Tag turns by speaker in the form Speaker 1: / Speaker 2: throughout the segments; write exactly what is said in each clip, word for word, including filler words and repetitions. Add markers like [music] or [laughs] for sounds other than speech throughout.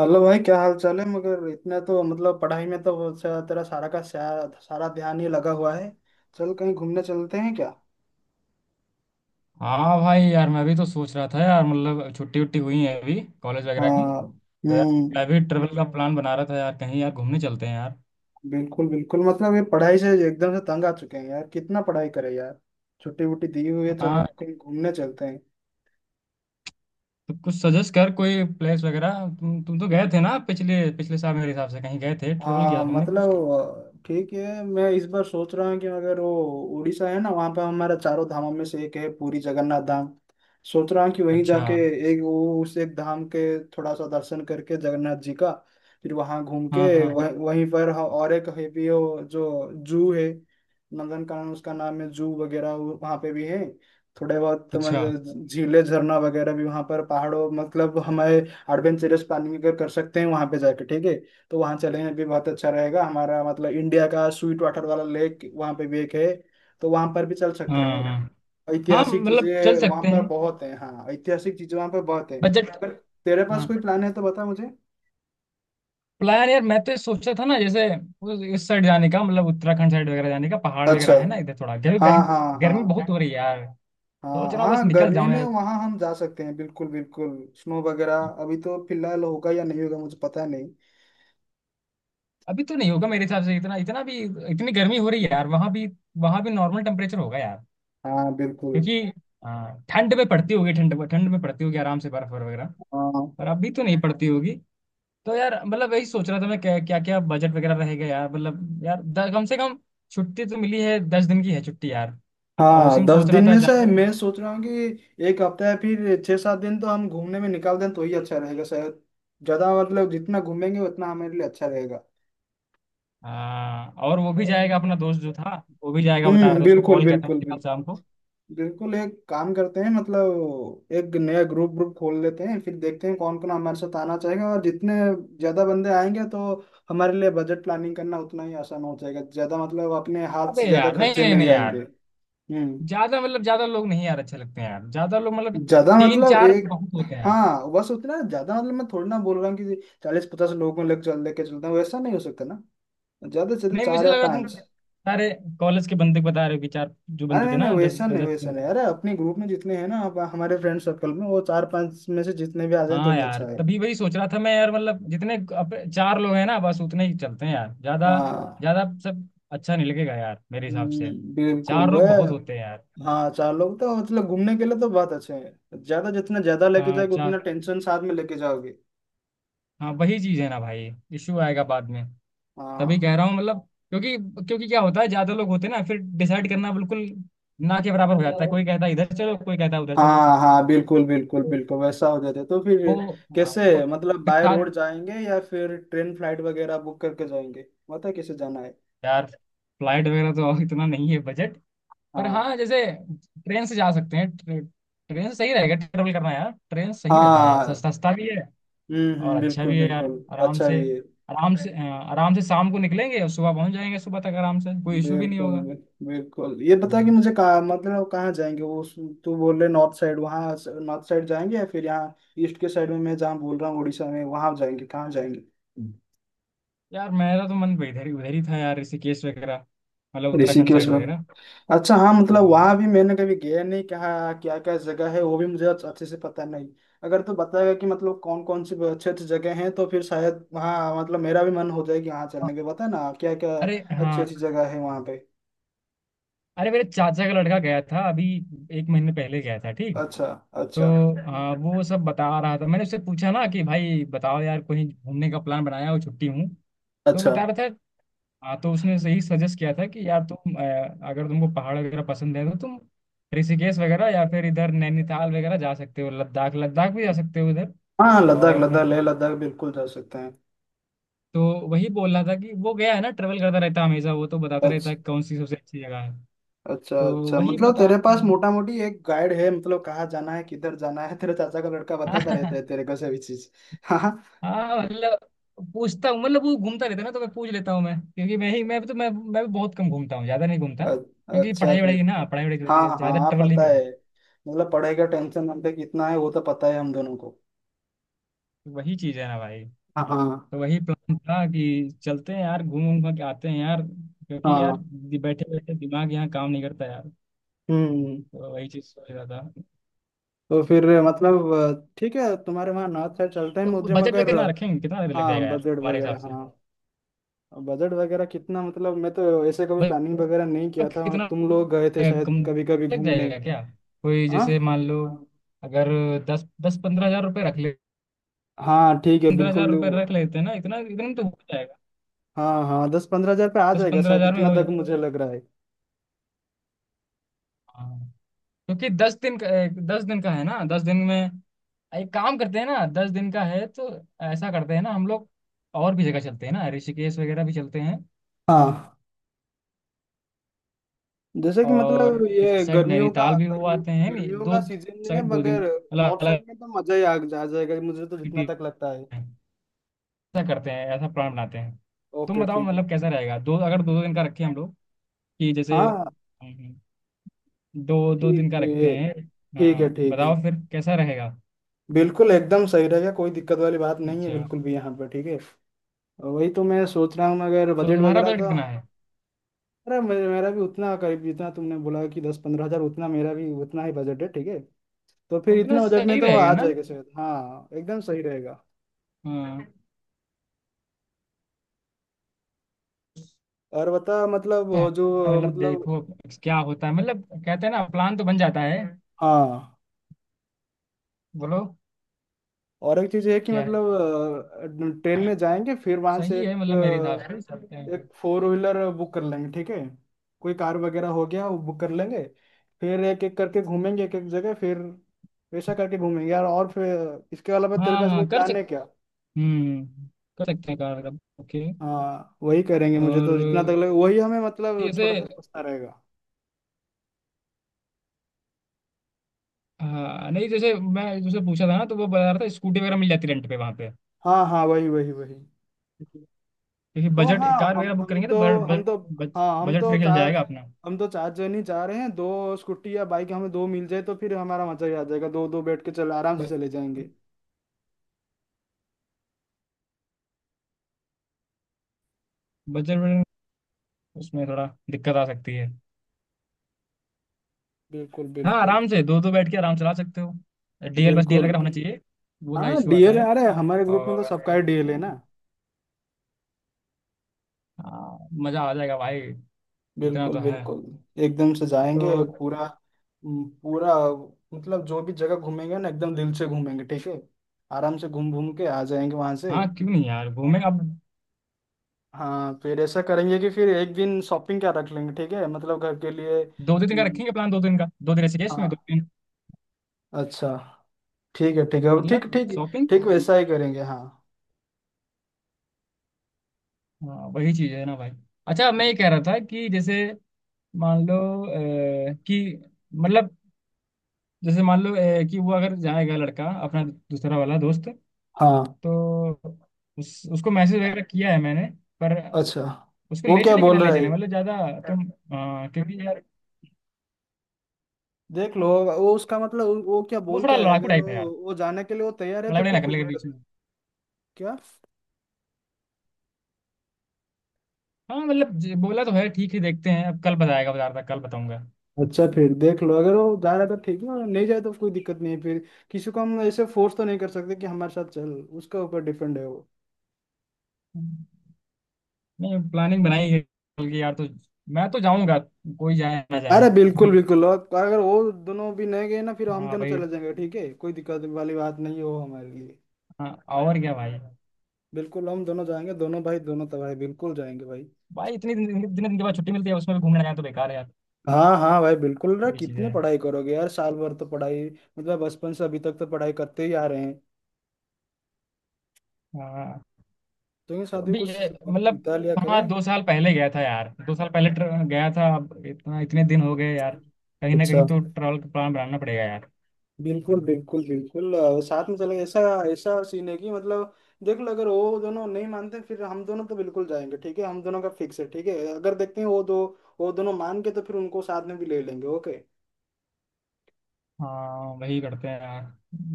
Speaker 1: Hello भाई, क्या हाल चाल है? मगर इतना तो मतलब पढ़ाई में तो बहुत सा- तेरा सारा का सारा, सारा ध्यान ही लगा हुआ है। चल कहीं घूमने चलते हैं क्या?
Speaker 2: हाँ भाई यार, मैं भी तो सोच रहा था यार। मतलब छुट्टी वुट्टी हुई है अभी कॉलेज वगैरह की।
Speaker 1: हाँ।
Speaker 2: तो यार
Speaker 1: हम्म।
Speaker 2: मैं भी ट्रेवल का प्लान बना रहा था यार। कहीं यार घूमने चलते हैं यार।
Speaker 1: बिल्कुल बिल्कुल, मतलब ये पढ़ाई से एकदम से तंग आ चुके हैं यार, कितना पढ़ाई करें यार। छुट्टी वुट्टी दी हुई है, चलो
Speaker 2: हाँ,
Speaker 1: कहीं घूमने चलते हैं।
Speaker 2: तो कुछ सजेस्ट कर कोई प्लेस वगैरह। तुम तुम तो गए थे ना पिछले पिछले साल मेरे हिसाब से कहीं गए थे, ट्रेवल किया
Speaker 1: हाँ,
Speaker 2: था तुमने कुछ कहीं?
Speaker 1: मतलब ठीक है। मैं इस बार सोच रहा हूँ कि अगर वो उड़ीसा है ना, वहाँ पर हमारा चारों धामों में से एक है पूरी जगन्नाथ धाम। सोच रहा हूँ कि वहीं जाके
Speaker 2: अच्छा।
Speaker 1: एक वो उस एक धाम के थोड़ा सा दर्शन करके जगन्नाथ जी का, फिर वहाँ घूम
Speaker 2: हाँ
Speaker 1: के
Speaker 2: हाँ।
Speaker 1: वह, वहीं पर ह- और एक है भी वो जो जू है। नंदनकानन उसका नाम है, जू वगैरह वो- वहाँ पे भी है। थोड़े बहुत तो
Speaker 2: अच्छा।
Speaker 1: मतलब झीलें झरना वगैरह भी वहाँ पर, पहाड़ों मतलब हमारे एडवेंचरस प्लानिंग अगर कर सकते हैं वहाँ पे जाके, ठीक है। तो वहाँ चलेंगे भी, बहुत अच्छा रहेगा हमारा। मतलब इंडिया का स्वीट वाटर वाला लेक वहाँ पे भी एक है, तो वहाँ पर भी चल सकते
Speaker 2: हाँ
Speaker 1: हैं।
Speaker 2: हाँ हाँ,
Speaker 1: ऐतिहासिक
Speaker 2: मतलब चल
Speaker 1: चीजें वहाँ
Speaker 2: सकते
Speaker 1: पर
Speaker 2: हैं।
Speaker 1: बहुत हैं, हाँ, ऐतिहासिक चीजें वहाँ पर बहुत हैं।
Speaker 2: बजट।
Speaker 1: पर तेरे पास
Speaker 2: हाँ,
Speaker 1: कोई प्लान है तो बता मुझे।
Speaker 2: प्लान यार मैं तो ये सोचा था ना, जैसे उस- इस साइड जाने का, मतलब उत्तराखंड साइड वगैरह जाने का। पहाड़
Speaker 1: अच्छा।
Speaker 2: वगैरह है ना इधर, थोड़ा गर्मी
Speaker 1: हाँ
Speaker 2: गर्मी।
Speaker 1: हाँ
Speaker 2: गर्मी
Speaker 1: हाँ।
Speaker 2: बहुत हो रही है यार। सोच
Speaker 1: हाँ,
Speaker 2: रहा हूँ बस
Speaker 1: हाँ,
Speaker 2: निकल
Speaker 1: गर्मी
Speaker 2: जाऊं
Speaker 1: में
Speaker 2: यार।
Speaker 1: वहाँ हम जा सकते हैं, बिल्कुल बिल्कुल। स्नो वगैरह अभी तो फिलहाल होगा या नहीं होगा, मुझे पता नहीं।
Speaker 2: अभी तो नहीं होगा मेरे हिसाब से इतना, इतना भी। इतनी गर्मी हो रही है यार वहां भी। वहां भी नॉर्मल टेम्परेचर होगा यार।
Speaker 1: हाँ, बिल्कुल।
Speaker 2: क्योंकि हाँ, ठंड में पड़ती होगी। ठंड ठंड में पड़ती होगी आराम से, बर्फ और वगैरह।
Speaker 1: हाँ
Speaker 2: पर अभी तो नहीं पड़ती होगी। तो यार मतलब वही सोच रहा था मैं, क्या क्या, क्या बजट वगैरह रहेगा यार। मतलब यार द, कम से कम छुट्टी तो मिली है। दस दिन की है छुट्टी यार। अब उसी
Speaker 1: हाँ,
Speaker 2: में
Speaker 1: दस
Speaker 2: सोच रहा
Speaker 1: दिन
Speaker 2: था
Speaker 1: में
Speaker 2: जा।
Speaker 1: से मैं सोच रहा हूँ कि एक हफ्ता या फिर छः सात दिन तो हम घूमने में निकाल दें, तो ही अच्छा रहेगा शायद। ज्यादा, मतलब जितना घूमेंगे उतना हमारे लिए अच्छा रहेगा।
Speaker 2: हाँ, और वो भी जाएगा, अपना दोस्त जो था वो भी जाएगा, बता रहा
Speaker 1: हम्म।
Speaker 2: था। उसको
Speaker 1: बिल्कुल
Speaker 2: कॉल किया था
Speaker 1: बिल्कुल
Speaker 2: मैंने कल शाम
Speaker 1: बिल्कुल।
Speaker 2: को।
Speaker 1: बिल्कुल एक काम करते हैं, मतलब एक नया ग्रुप ग्रुप खोल लेते हैं, फिर देखते हैं कौन कौन हमारे साथ आना चाहेगा, और जितने ज्यादा बंदे आएंगे तो हमारे लिए बजट प्लानिंग करना उतना ही आसान हो जाएगा। ज्यादा, मतलब अपने हाथ
Speaker 2: अबे
Speaker 1: से ज्यादा
Speaker 2: यार, नहीं
Speaker 1: खर्चे
Speaker 2: नहीं
Speaker 1: नहीं
Speaker 2: नहीं
Speaker 1: आएंगे।
Speaker 2: यार,
Speaker 1: हम्म।
Speaker 2: ज्यादा मतलब, ज्यादा लोग नहीं यार अच्छे लगते हैं यार। ज्यादा लोग मतलब,
Speaker 1: ज्यादा,
Speaker 2: तीन
Speaker 1: मतलब
Speaker 2: चार
Speaker 1: एक,
Speaker 2: बहुत होते हैं यार।
Speaker 1: हाँ, बस उतना ज्यादा, मतलब मैं थोड़ी ना बोल रहा हूँ कि चालीस पचास लोगों को लेकर चल लेके चलता हूँ, वैसा नहीं हो सकता ना। ज्यादा से ज्यादा
Speaker 2: नहीं
Speaker 1: चार
Speaker 2: मुझे
Speaker 1: या
Speaker 2: लगा तुम
Speaker 1: पांच।
Speaker 2: सारे कॉलेज के बंदे बता रहे हो, कि चार जो
Speaker 1: अरे
Speaker 2: बंदे
Speaker 1: नहीं
Speaker 2: थे
Speaker 1: नहीं,
Speaker 2: ना, दस
Speaker 1: वैसा
Speaker 2: दस
Speaker 1: नहीं, वैसा नहीं।
Speaker 2: पंद्रह।
Speaker 1: अरे, अपने ग्रुप में जितने हैं ना, अब हमारे फ्रेंड सर्कल में वो चार पांच में से जितने भी आ जाए तो
Speaker 2: हाँ
Speaker 1: ही
Speaker 2: यार,
Speaker 1: अच्छा है।
Speaker 2: तभी वही सोच रहा था मैं यार। मतलब जितने अब चार लोग हैं ना, बस उतने ही चलते हैं यार। ज्यादा
Speaker 1: हाँ।
Speaker 2: ज्यादा सब अच्छा नहीं लगेगा यार मेरे हिसाब से।
Speaker 1: हम्म, बिल्कुल,
Speaker 2: चार लोग
Speaker 1: वह।
Speaker 2: बहुत होते हैं यार।
Speaker 1: हाँ, चार लोग तो मतलब घूमने के लिए तो बहुत अच्छे हैं, ज्यादा जितना ज्यादा लेके
Speaker 2: हाँ,
Speaker 1: जाओगे उतना
Speaker 2: चार।
Speaker 1: टेंशन साथ में लेके जाओगे।
Speaker 2: हाँ, वही चीज़ है ना भाई। इश्यू आएगा बाद में। तभी
Speaker 1: हाँ
Speaker 2: कह रहा हूँ मतलब, क्योंकि क्योंकि क्या होता है, ज्यादा लोग होते हैं ना, फिर डिसाइड करना बिल्कुल ना के बराबर हो जाता है। कोई कहता है इधर चलो, कोई कहता है उधर चलो।
Speaker 1: हाँ हाँ, बिल्कुल बिल्कुल
Speaker 2: तो
Speaker 1: बिल्कुल, वैसा हो जाता है तो फिर।
Speaker 2: वो। हाँ वो,
Speaker 1: कैसे, मतलब
Speaker 2: फिर
Speaker 1: बाय
Speaker 2: साथ।
Speaker 1: रोड जाएंगे या फिर ट्रेन फ्लाइट वगैरह बुक करके जाएंगे? पता है कैसे जाना है?
Speaker 2: यार फ्लाइट वगैरह तो इतना नहीं है बजट। पर
Speaker 1: हाँ
Speaker 2: हाँ, जैसे ट्रेन से जा सकते हैं। ट्रे, ट्रेन से सही रहेगा ट्रेवल करना यार। ट्रेन सही रहता है यार।
Speaker 1: हाँ।
Speaker 2: सस्ता, सस्ता भी है
Speaker 1: हम्म
Speaker 2: और
Speaker 1: हम्म।
Speaker 2: अच्छा
Speaker 1: बिल्कुल
Speaker 2: भी है यार।
Speaker 1: बिल्कुल।
Speaker 2: आराम
Speaker 1: अच्छा
Speaker 2: से
Speaker 1: भी है।
Speaker 2: आराम से अ, आराम से शाम को निकलेंगे और सुबह पहुंच जाएंगे। सुबह तक आराम से कोई इशू भी नहीं
Speaker 1: बिल्कुल
Speaker 2: होगा।
Speaker 1: बिल्कुल, ये बता कि मुझे कहाँ, मतलब कहाँ जाएंगे? वो उस- तू बोल रहे नॉर्थ साइड वहाँ, नॉर्थ साइड जाएंगे या फिर यहाँ ईस्ट के साइड में, मैं जहाँ बोल रहा हूँ उड़ीसा में वहाँ जाएंगे? कहाँ जाएंगे?
Speaker 2: यार मेरा तो मन इधर ही, उधर ही था यार, ऋषिकेश वगैरह। मतलब उत्तराखंड
Speaker 1: ऋषिकेश
Speaker 2: साइड
Speaker 1: में?
Speaker 2: वगैरह।
Speaker 1: अच्छा, हाँ, मतलब
Speaker 2: हाँ,
Speaker 1: वहाँ भी मैंने कभी गया नहीं, कहा क्या क्या जगह है वो भी मुझे अच्छे अच्छे से पता नहीं। अगर तू बताएगा कि मतलब कौन कौन सी अच्छी अच्छी जगह हैं, तो फिर शायद वहाँ, मतलब मेरा भी मन हो जाए कि वहाँ
Speaker 2: हाँ,
Speaker 1: चलने के, बता ना क्या क्या
Speaker 2: अरे हाँ।
Speaker 1: अच्छी अच्छी जगह है वहाँ पे।
Speaker 2: अरे मेरे चाचा का लड़का गया था अभी, एक महीने पहले गया था ठीक।
Speaker 1: अच्छा
Speaker 2: तो
Speaker 1: अच्छा।
Speaker 2: हाँ, वो सब बता रहा था। मैंने उससे पूछा ना कि भाई बताओ यार, कहीं घूमने का प्लान बनाया हो, छुट्टी हूँ। तो
Speaker 1: अच्छा,
Speaker 2: बता रहा था। हाँ, तो उसने सही सजेस्ट किया था कि यार तुम अ, अगर तुमको पहाड़ वगैरह पसंद है, तो तुम ऋषिकेश वगैरह या फिर इधर नैनीताल वगैरह जा सकते हो। लद्दाख, लद्दाख भी जा सकते हो उधर।
Speaker 1: हाँ, लद्दाख
Speaker 2: और
Speaker 1: लद्दाख, लेह लद्दाख बिल्कुल जा सकते हैं।
Speaker 2: तो वही बोल रहा था कि वो गया है ना, ट्रेवल करता रहता है हमेशा। वो तो बताता रहता
Speaker 1: अच्छा
Speaker 2: है कौन सी सबसे अच्छी जगह है।
Speaker 1: अच्छा।
Speaker 2: तो
Speaker 1: अच्छा,
Speaker 2: वही
Speaker 1: मतलब
Speaker 2: बता
Speaker 1: तेरे पास
Speaker 2: हाँ।
Speaker 1: मोटा मोटी एक गाइड है, मतलब कहाँ जाना है किधर जाना है, तेरे चाचा का लड़का बताता रहता है
Speaker 2: [laughs]
Speaker 1: तेरे को सभी चीज। [laughs]
Speaker 2: हाँ, मतलब पूछता हूँ, मतलब वो घूमता रहता है ना, तो मैं पूछ लेता हूँ। मैं, क्योंकि मैं ही मैं तो मैं मैं भी बहुत कम घूमता हूँ, ज्यादा नहीं घूमता।
Speaker 1: अ-
Speaker 2: क्योंकि
Speaker 1: अच्छा
Speaker 2: पढ़ाई वढ़ाई
Speaker 1: फिर।
Speaker 2: ना पढ़ाई वढ़ाई चलती
Speaker 1: हाँ
Speaker 2: है, ज्यादा
Speaker 1: हाँ
Speaker 2: ट्रेवल नहीं
Speaker 1: पता
Speaker 2: करता।
Speaker 1: है, मतलब पढ़ाई का टेंशन हम पे कितना है वो तो पता है हम दोनों को।
Speaker 2: तो वही चीज है ना भाई।
Speaker 1: हाँ
Speaker 2: तो वही प्लान था कि चलते हैं यार, घूम घूम के आते हैं यार। क्योंकि यार
Speaker 1: हाँ।
Speaker 2: बैठे बैठे दिमाग यहाँ काम नहीं करता यार।
Speaker 1: हम्म।
Speaker 2: तो वही चीज सोच रहा था।
Speaker 1: तो फिर मतलब, अ, ठीक है, तुम्हारे वहाँ नॉर्थ साइड चलते हैं
Speaker 2: तो
Speaker 1: मुझे
Speaker 2: बजट वगैरह
Speaker 1: मगर।
Speaker 2: कितना रखेंगे, कितना लग
Speaker 1: हाँ,
Speaker 2: जाएगा यार
Speaker 1: बजट
Speaker 2: हमारे हिसाब
Speaker 1: वगैरह,
Speaker 2: से।
Speaker 1: हाँ। बजट वगैरह कितना, मतलब मैं तो ऐसे कभी
Speaker 2: मतलब
Speaker 1: प्लानिंग वगैरह नहीं किया था,
Speaker 2: कितना
Speaker 1: तुम लोग गए थे
Speaker 2: ए, कम
Speaker 1: शायद कभी कभी
Speaker 2: लग
Speaker 1: घूमने।
Speaker 2: जाएगा क्या? कोई,
Speaker 1: हाँ
Speaker 2: जैसे मान लो, अगर दस दस पंद्रह हजार रुपये रख ले।
Speaker 1: हाँ ठीक है
Speaker 2: पंद्रह हजार
Speaker 1: बिल्कुल।
Speaker 2: रुपये रख लेते हैं ना, इतना, इतना में तो हो जाएगा।
Speaker 1: हाँ हाँ, दस पंद्रह हजार पे आ
Speaker 2: दस
Speaker 1: जाएगा
Speaker 2: पंद्रह
Speaker 1: शायद,
Speaker 2: हजार में
Speaker 1: इतना
Speaker 2: हो
Speaker 1: तक
Speaker 2: जाएगा।
Speaker 1: मुझे लग रहा है।
Speaker 2: हाँ। क्योंकि दस दिन का ए, दस दिन का है ना, दस दिन में एक काम करते हैं ना, दस दिन का है तो ऐसा करते हैं ना हम लोग। और भी जगह चलते हैं ना, ऋषिकेश वगैरह भी चलते हैं
Speaker 1: हाँ, जैसे कि मतलब
Speaker 2: और इस
Speaker 1: ये
Speaker 2: साइड
Speaker 1: गर्मियों का,
Speaker 2: नैनीताल भी हो
Speaker 1: गर्मी,
Speaker 2: आते हैं। नहीं,
Speaker 1: गर्मियों
Speaker 2: दो
Speaker 1: का सीजन है
Speaker 2: साइड दो
Speaker 1: मगर
Speaker 2: दिन अलग
Speaker 1: नॉर्थ साइड
Speaker 2: अलग
Speaker 1: में तो मजा ही आ जा जाएगा मुझे तो जितना
Speaker 2: सिटी।
Speaker 1: तक लगता है।
Speaker 2: ऐसा करते हैं, ऐसा प्लान बनाते हैं। तुम
Speaker 1: ओके
Speaker 2: बताओ
Speaker 1: ठीक है।
Speaker 2: मतलब कैसा रहेगा, दो, अगर दो दो दिन का रखें हम लोग, कि जैसे।
Speaker 1: हाँ
Speaker 2: हम्म, दो दो
Speaker 1: ठीक
Speaker 2: दिन का रखते
Speaker 1: है,
Speaker 2: हैं।
Speaker 1: ठीक है,
Speaker 2: हाँ
Speaker 1: ठीक है।
Speaker 2: बताओ फिर कैसा रहेगा।
Speaker 1: बिल्कुल एकदम सही रहेगा, कोई दिक्कत वाली बात नहीं है
Speaker 2: अच्छा,
Speaker 1: बिल्कुल भी, यहाँ पर ठीक है। वही तो मैं सोच रहा हूँ, अगर
Speaker 2: तो
Speaker 1: बजट
Speaker 2: तुम्हारा
Speaker 1: वगैरह
Speaker 2: बजट
Speaker 1: तो।
Speaker 2: कितना है?
Speaker 1: अरे, मे- मेरा भी उतना करीब जितना तुमने बोला कि दस पंद्रह हजार, उतना मेरा भी उतना ही बजट है, ठीक है। तो
Speaker 2: तो
Speaker 1: फिर
Speaker 2: उतना
Speaker 1: इतना बजट में
Speaker 2: सही
Speaker 1: तो
Speaker 2: रहेगा
Speaker 1: आ
Speaker 2: ना।
Speaker 1: जाएगा शायद, हाँ एकदम सही रहेगा।
Speaker 2: हाँ
Speaker 1: और बता, मतलब वो
Speaker 2: तो,
Speaker 1: जो
Speaker 2: मतलब
Speaker 1: मतलब,
Speaker 2: देखो क्या होता है, मतलब कहते हैं ना, प्लान तो बन जाता है।
Speaker 1: हाँ,
Speaker 2: बोलो,
Speaker 1: और एक चीज ये है कि
Speaker 2: क्या है?
Speaker 1: मतलब ट्रेन में जाएंगे, फिर वहां से
Speaker 2: सही
Speaker 1: एक
Speaker 2: है, मतलब मेरे हिसाब से चलते
Speaker 1: अ,
Speaker 2: हैं
Speaker 1: एक
Speaker 2: फिर।
Speaker 1: फोर व्हीलर बुक कर लेंगे, ठीक है। कोई कार वगैरह हो गया वो बुक कर लेंगे, फिर एक एक करके घूमेंगे एक एक जगह, फिर वैसा करके घूमेंगे यार। और फिर इसके अलावा तेरे
Speaker 2: हाँ
Speaker 1: पास कोई
Speaker 2: हाँ, कर
Speaker 1: प्लान है
Speaker 2: सकते।
Speaker 1: क्या?
Speaker 2: हम्म, कर सकते हैं कार का। ओके।
Speaker 1: हाँ वही करेंगे, मुझे
Speaker 2: और
Speaker 1: तो जितना तक लगे वही हमें, मतलब
Speaker 2: जैसे,
Speaker 1: थोड़ा सा सस्ता रहेगा।
Speaker 2: हाँ नहीं जैसे मैं जैसे पूछा था ना, तो वो बता रहा था स्कूटी वगैरह मिल जाती रेंट पे वहाँ पे।
Speaker 1: हाँ हाँ, वही वही वही,
Speaker 2: क्योंकि
Speaker 1: वो,
Speaker 2: बजट,
Speaker 1: हाँ,
Speaker 2: कार
Speaker 1: हम
Speaker 2: वगैरह बुक
Speaker 1: हम
Speaker 2: करेंगे तो
Speaker 1: तो हम तो
Speaker 2: बजट
Speaker 1: हाँ, हम
Speaker 2: बजट
Speaker 1: तो
Speaker 2: फ्री हिल
Speaker 1: चार
Speaker 2: जाएगा अपना।
Speaker 1: हम तो चार जन ही जा रहे हैं। दो स्कूटी या बाइक हमें दो मिल जाए तो फिर हमारा मजा ही आ जाएगा, दो दो बैठ के चल आराम से चले जाएंगे।
Speaker 2: बजट उसमें थोड़ा दिक्कत आ सकती है।
Speaker 1: बिल्कुल
Speaker 2: हाँ
Speaker 1: बिल्कुल
Speaker 2: आराम से दो दो बैठ के आराम से चला सकते हो। डीएल, बस डीएल
Speaker 1: बिल्कुल।
Speaker 2: वगैरह होना चाहिए। वो थोड़ा
Speaker 1: हाँ,
Speaker 2: इशू आता
Speaker 1: डी एल
Speaker 2: है।
Speaker 1: आ रहा है हमारे ग्रुप में, तो
Speaker 2: और
Speaker 1: सबका ही डी एल है ना।
Speaker 2: हाँ, मज़ा आ जाएगा भाई। इतना
Speaker 1: बिल्कुल
Speaker 2: तो है।
Speaker 1: बिल्कुल। एकदम से जाएंगे
Speaker 2: तो
Speaker 1: पूरा, पूरा मतलब जो भी जगह घूमेंगे ना एकदम दिल से घूमेंगे, ठीक है। आराम से घूम घूम के आ जाएंगे वहां से।
Speaker 2: हाँ, क्यों नहीं यार, घूमेंगे अब।
Speaker 1: हाँ, फिर ऐसा करेंगे कि फिर एक दिन शॉपिंग क्या रख लेंगे, ठीक है, मतलब घर के लिए।
Speaker 2: दो दो दिन का
Speaker 1: हम्म।
Speaker 2: रखेंगे प्लान, दो दिन का, दो दिन ऐसे केस में,
Speaker 1: हाँ।
Speaker 2: दो दिन।
Speaker 1: अच्छा, ठीक है ठीक है, ठीक
Speaker 2: मतलब
Speaker 1: ठीक।
Speaker 2: शॉपिंग।
Speaker 1: ठीक, वैसा ही करेंगे, हाँ।
Speaker 2: हाँ, वही चीज है ना भाई। अच्छा मैं ये कह रहा था कि जैसे, मान लो अ, कि मतलब, जैसे मान लो अ, कि वो अगर जाएगा लड़का, अपना दूसरा वाला दोस्त,
Speaker 1: हाँ,
Speaker 2: तो उस उसको मैसेज वगैरह किया है मैंने। पर
Speaker 1: अच्छा,
Speaker 2: उसको
Speaker 1: वो
Speaker 2: ले
Speaker 1: क्या
Speaker 2: चले कि ना
Speaker 1: बोल
Speaker 2: ले
Speaker 1: रहा है?
Speaker 2: चले, मतलब ज्यादा। तुम अ, क्योंकि यार
Speaker 1: देख लो वो उसका मतलब, वो, वो क्या
Speaker 2: वो
Speaker 1: बोल
Speaker 2: थोड़ा
Speaker 1: क्या रहा है,
Speaker 2: लड़ाकू
Speaker 1: अगर
Speaker 2: टाइप है
Speaker 1: वो
Speaker 2: यार।
Speaker 1: वो जाने के लिए वो तैयार है
Speaker 2: लड़ाई
Speaker 1: तो
Speaker 2: वड़ाई
Speaker 1: फिर
Speaker 2: ना
Speaker 1: कोई
Speaker 2: करने के
Speaker 1: दिक्कत
Speaker 2: बीच में।
Speaker 1: नहीं। क्या?
Speaker 2: हाँ मतलब ज- बोला तो है, ठीक है देखते हैं। अब कल बताएगा, बता रहा था कल बताऊंगा।
Speaker 1: अच्छा, फिर देख लो अगर वो जा रहा है तो ठीक है, और नहीं जाए तो कोई दिक्कत नहीं है फिर। किसी को हम ऐसे फोर्स तो नहीं कर सकते कि हमारे साथ चल, उसके ऊपर डिपेंड है वो।
Speaker 2: नहीं, प्लानिंग बनाई है कल की यार, तो मैं तो जाऊंगा, कोई जाए ना जाए।
Speaker 1: अरे बिल्कुल
Speaker 2: [laughs]
Speaker 1: बिल्कुल, और तो अगर वो दोनों भी नहीं गए ना, फिर हम
Speaker 2: हाँ
Speaker 1: दोनों
Speaker 2: भाई,
Speaker 1: चले जाएंगे, ठीक है, कोई दिक्कत वाली बात नहीं है वो हमारे लिए।
Speaker 2: हाँ और क्या भाई।
Speaker 1: बिल्कुल हम दोनों जाएंगे, दोनों भाई, दोनों तो भाई बिल्कुल जाएंगे भाई।
Speaker 2: भाई इतनी दिन दिन- दिन- दिन के बाद छुट्टी मिलती है, उसमें भी घूमने जाए तो बेकार है यार।
Speaker 1: हाँ हाँ भाई, बिल्कुल ना,
Speaker 2: वही चीज
Speaker 1: कितने
Speaker 2: है।
Speaker 1: पढ़ाई करोगे यार, साल भर तो पढ़ाई, मतलब बचपन से अभी तक तो पढ़ाई करते ही आ रहे हैं।
Speaker 2: हाँ
Speaker 1: तो ये
Speaker 2: तो
Speaker 1: साथ में
Speaker 2: अभी ये,
Speaker 1: कुछ वक्त
Speaker 2: मतलब
Speaker 1: बिता लिया
Speaker 2: हाँ,
Speaker 1: करें।
Speaker 2: दो साल पहले गया था यार। दो साल पहले ट्र- गया था, अब इतना इतने दिन हो गए यार। कहीं ना
Speaker 1: अच्छा,
Speaker 2: कहीं तो ट्रैवल का प्लान बनाना पड़ेगा यार।
Speaker 1: बिल्कुल बिल्कुल बिल्कुल, अ, साथ में चलेंगे ऐसा। ऐसा सीन है कि मतलब, देख लो अगर वो दोनों नहीं मानते फिर हम दोनों तो बिल्कुल जाएंगे, ठीक है, हम दोनों का फिक्स है, ठीक है। अगर देखते हैं वो दो वो दोनों मान के तो फिर उनको साथ में भी ले लेंगे, ओके।
Speaker 2: हाँ, वही करते हैं यार,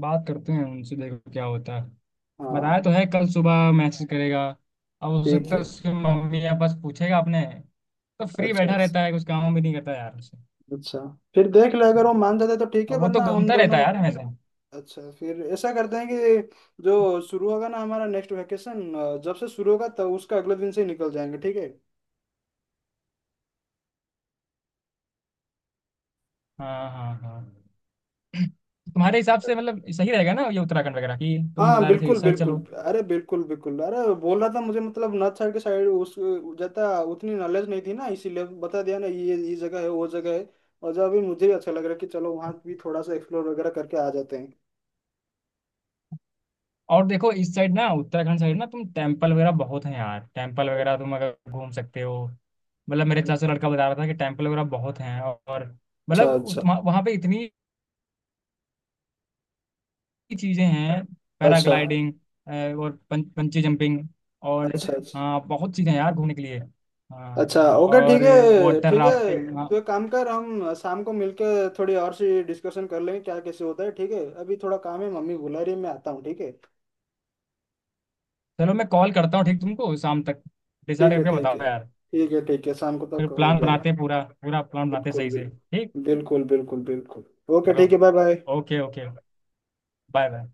Speaker 2: बात करते हैं उनसे, देखो क्या होता है। बताया
Speaker 1: हाँ
Speaker 2: तो है, कल सुबह मैसेज करेगा। अब हो
Speaker 1: ठीक
Speaker 2: सकता है
Speaker 1: है।
Speaker 2: उसकी मम्मी या बस पूछेगा आपने। तो फ्री
Speaker 1: अच्छा
Speaker 2: बैठा रहता है, कुछ काम भी नहीं करता यार उसे।
Speaker 1: अच्छा, फिर देख लो अगर वो मान जाते तो ठीक है,
Speaker 2: अब वो तो
Speaker 1: वरना हम
Speaker 2: घूमता रहता
Speaker 1: दोनों।
Speaker 2: है यार हमेशा।
Speaker 1: अच्छा, फिर ऐसा करते हैं कि जो शुरू होगा ना हमारा नेक्स्ट वेकेशन, जब से शुरू होगा तब उसका अगले दिन से ही निकल जाएंगे, ठीक है।
Speaker 2: हाँ हाँ हाँ। तुम्हारे हिसाब से मतलब सही रहेगा ना ये, उत्तराखंड वगैरह की तुम
Speaker 1: हाँ
Speaker 2: बता रहे थे,
Speaker 1: बिल्कुल
Speaker 2: इस साइड
Speaker 1: बिल्कुल,
Speaker 2: चलो।
Speaker 1: अरे बिल्कुल बिल्कुल, अरे बोल रहा था मुझे, मतलब नॉर्थ साइड के साइड उस ज्यादा उतनी नॉलेज नहीं थी ना, इसीलिए बता दिया ना ये ये जगह है वो जगह है। और जब अभी मुझे भी अच्छा लग रहा है कि चलो वहाँ भी थोड़ा सा एक्सप्लोर वगैरह करके आ जाते हैं।
Speaker 2: और देखो इस साइड ना, उत्तराखंड साइड ना, तुम टेम्पल वगैरह बहुत हैं यार। टेम्पल वगैरह तुम अगर घूम सकते हो, मतलब मेरे चाचा लड़का बता रहा था कि टेम्पल वगैरह बहुत हैं। और
Speaker 1: अच्छा
Speaker 2: मतलब
Speaker 1: अच्छा।
Speaker 2: तुम्हा- वहाँ पे इतनी चीजें हैं,
Speaker 1: अच्छा
Speaker 2: पैराग्लाइडिंग और पं, पंची जंपिंग, और जैसे,
Speaker 1: अच्छा। अच्छा
Speaker 2: हाँ बहुत चीजें हैं यार घूमने के लिए। हाँ
Speaker 1: अच्छा। ओके ठीक
Speaker 2: और
Speaker 1: है,
Speaker 2: वाटर
Speaker 1: ठीक है।
Speaker 2: राफ्टिंग, हाँ।
Speaker 1: तो एक काम कर, हम शाम को मिलके थोड़ी और सी डिस्कशन कर लेंगे क्या, कैसे होता है, ठीक है? अभी थोड़ा काम है, मम्मी बुला रही है, मैं आता हूँ, ठीक है।
Speaker 2: चलो मैं कॉल करता हूँ ठीक। तुमको शाम तक डिसाइड
Speaker 1: ठीक है
Speaker 2: करके
Speaker 1: ठीक है।
Speaker 2: बताओ यार।
Speaker 1: ठीक है ठीक है, शाम को
Speaker 2: फिर
Speaker 1: तक हो
Speaker 2: प्लान
Speaker 1: जाएगा।
Speaker 2: बनाते हैं, पूरा पूरा प्लान बनाते हैं
Speaker 1: बिल्कुल
Speaker 2: सही से ठीक।
Speaker 1: बिल्कुल। बिल्कुल बिल्कुल बिल्कुल। ओके
Speaker 2: चलो,
Speaker 1: ठीक है, bye bye.
Speaker 2: Okay okay, bye bye.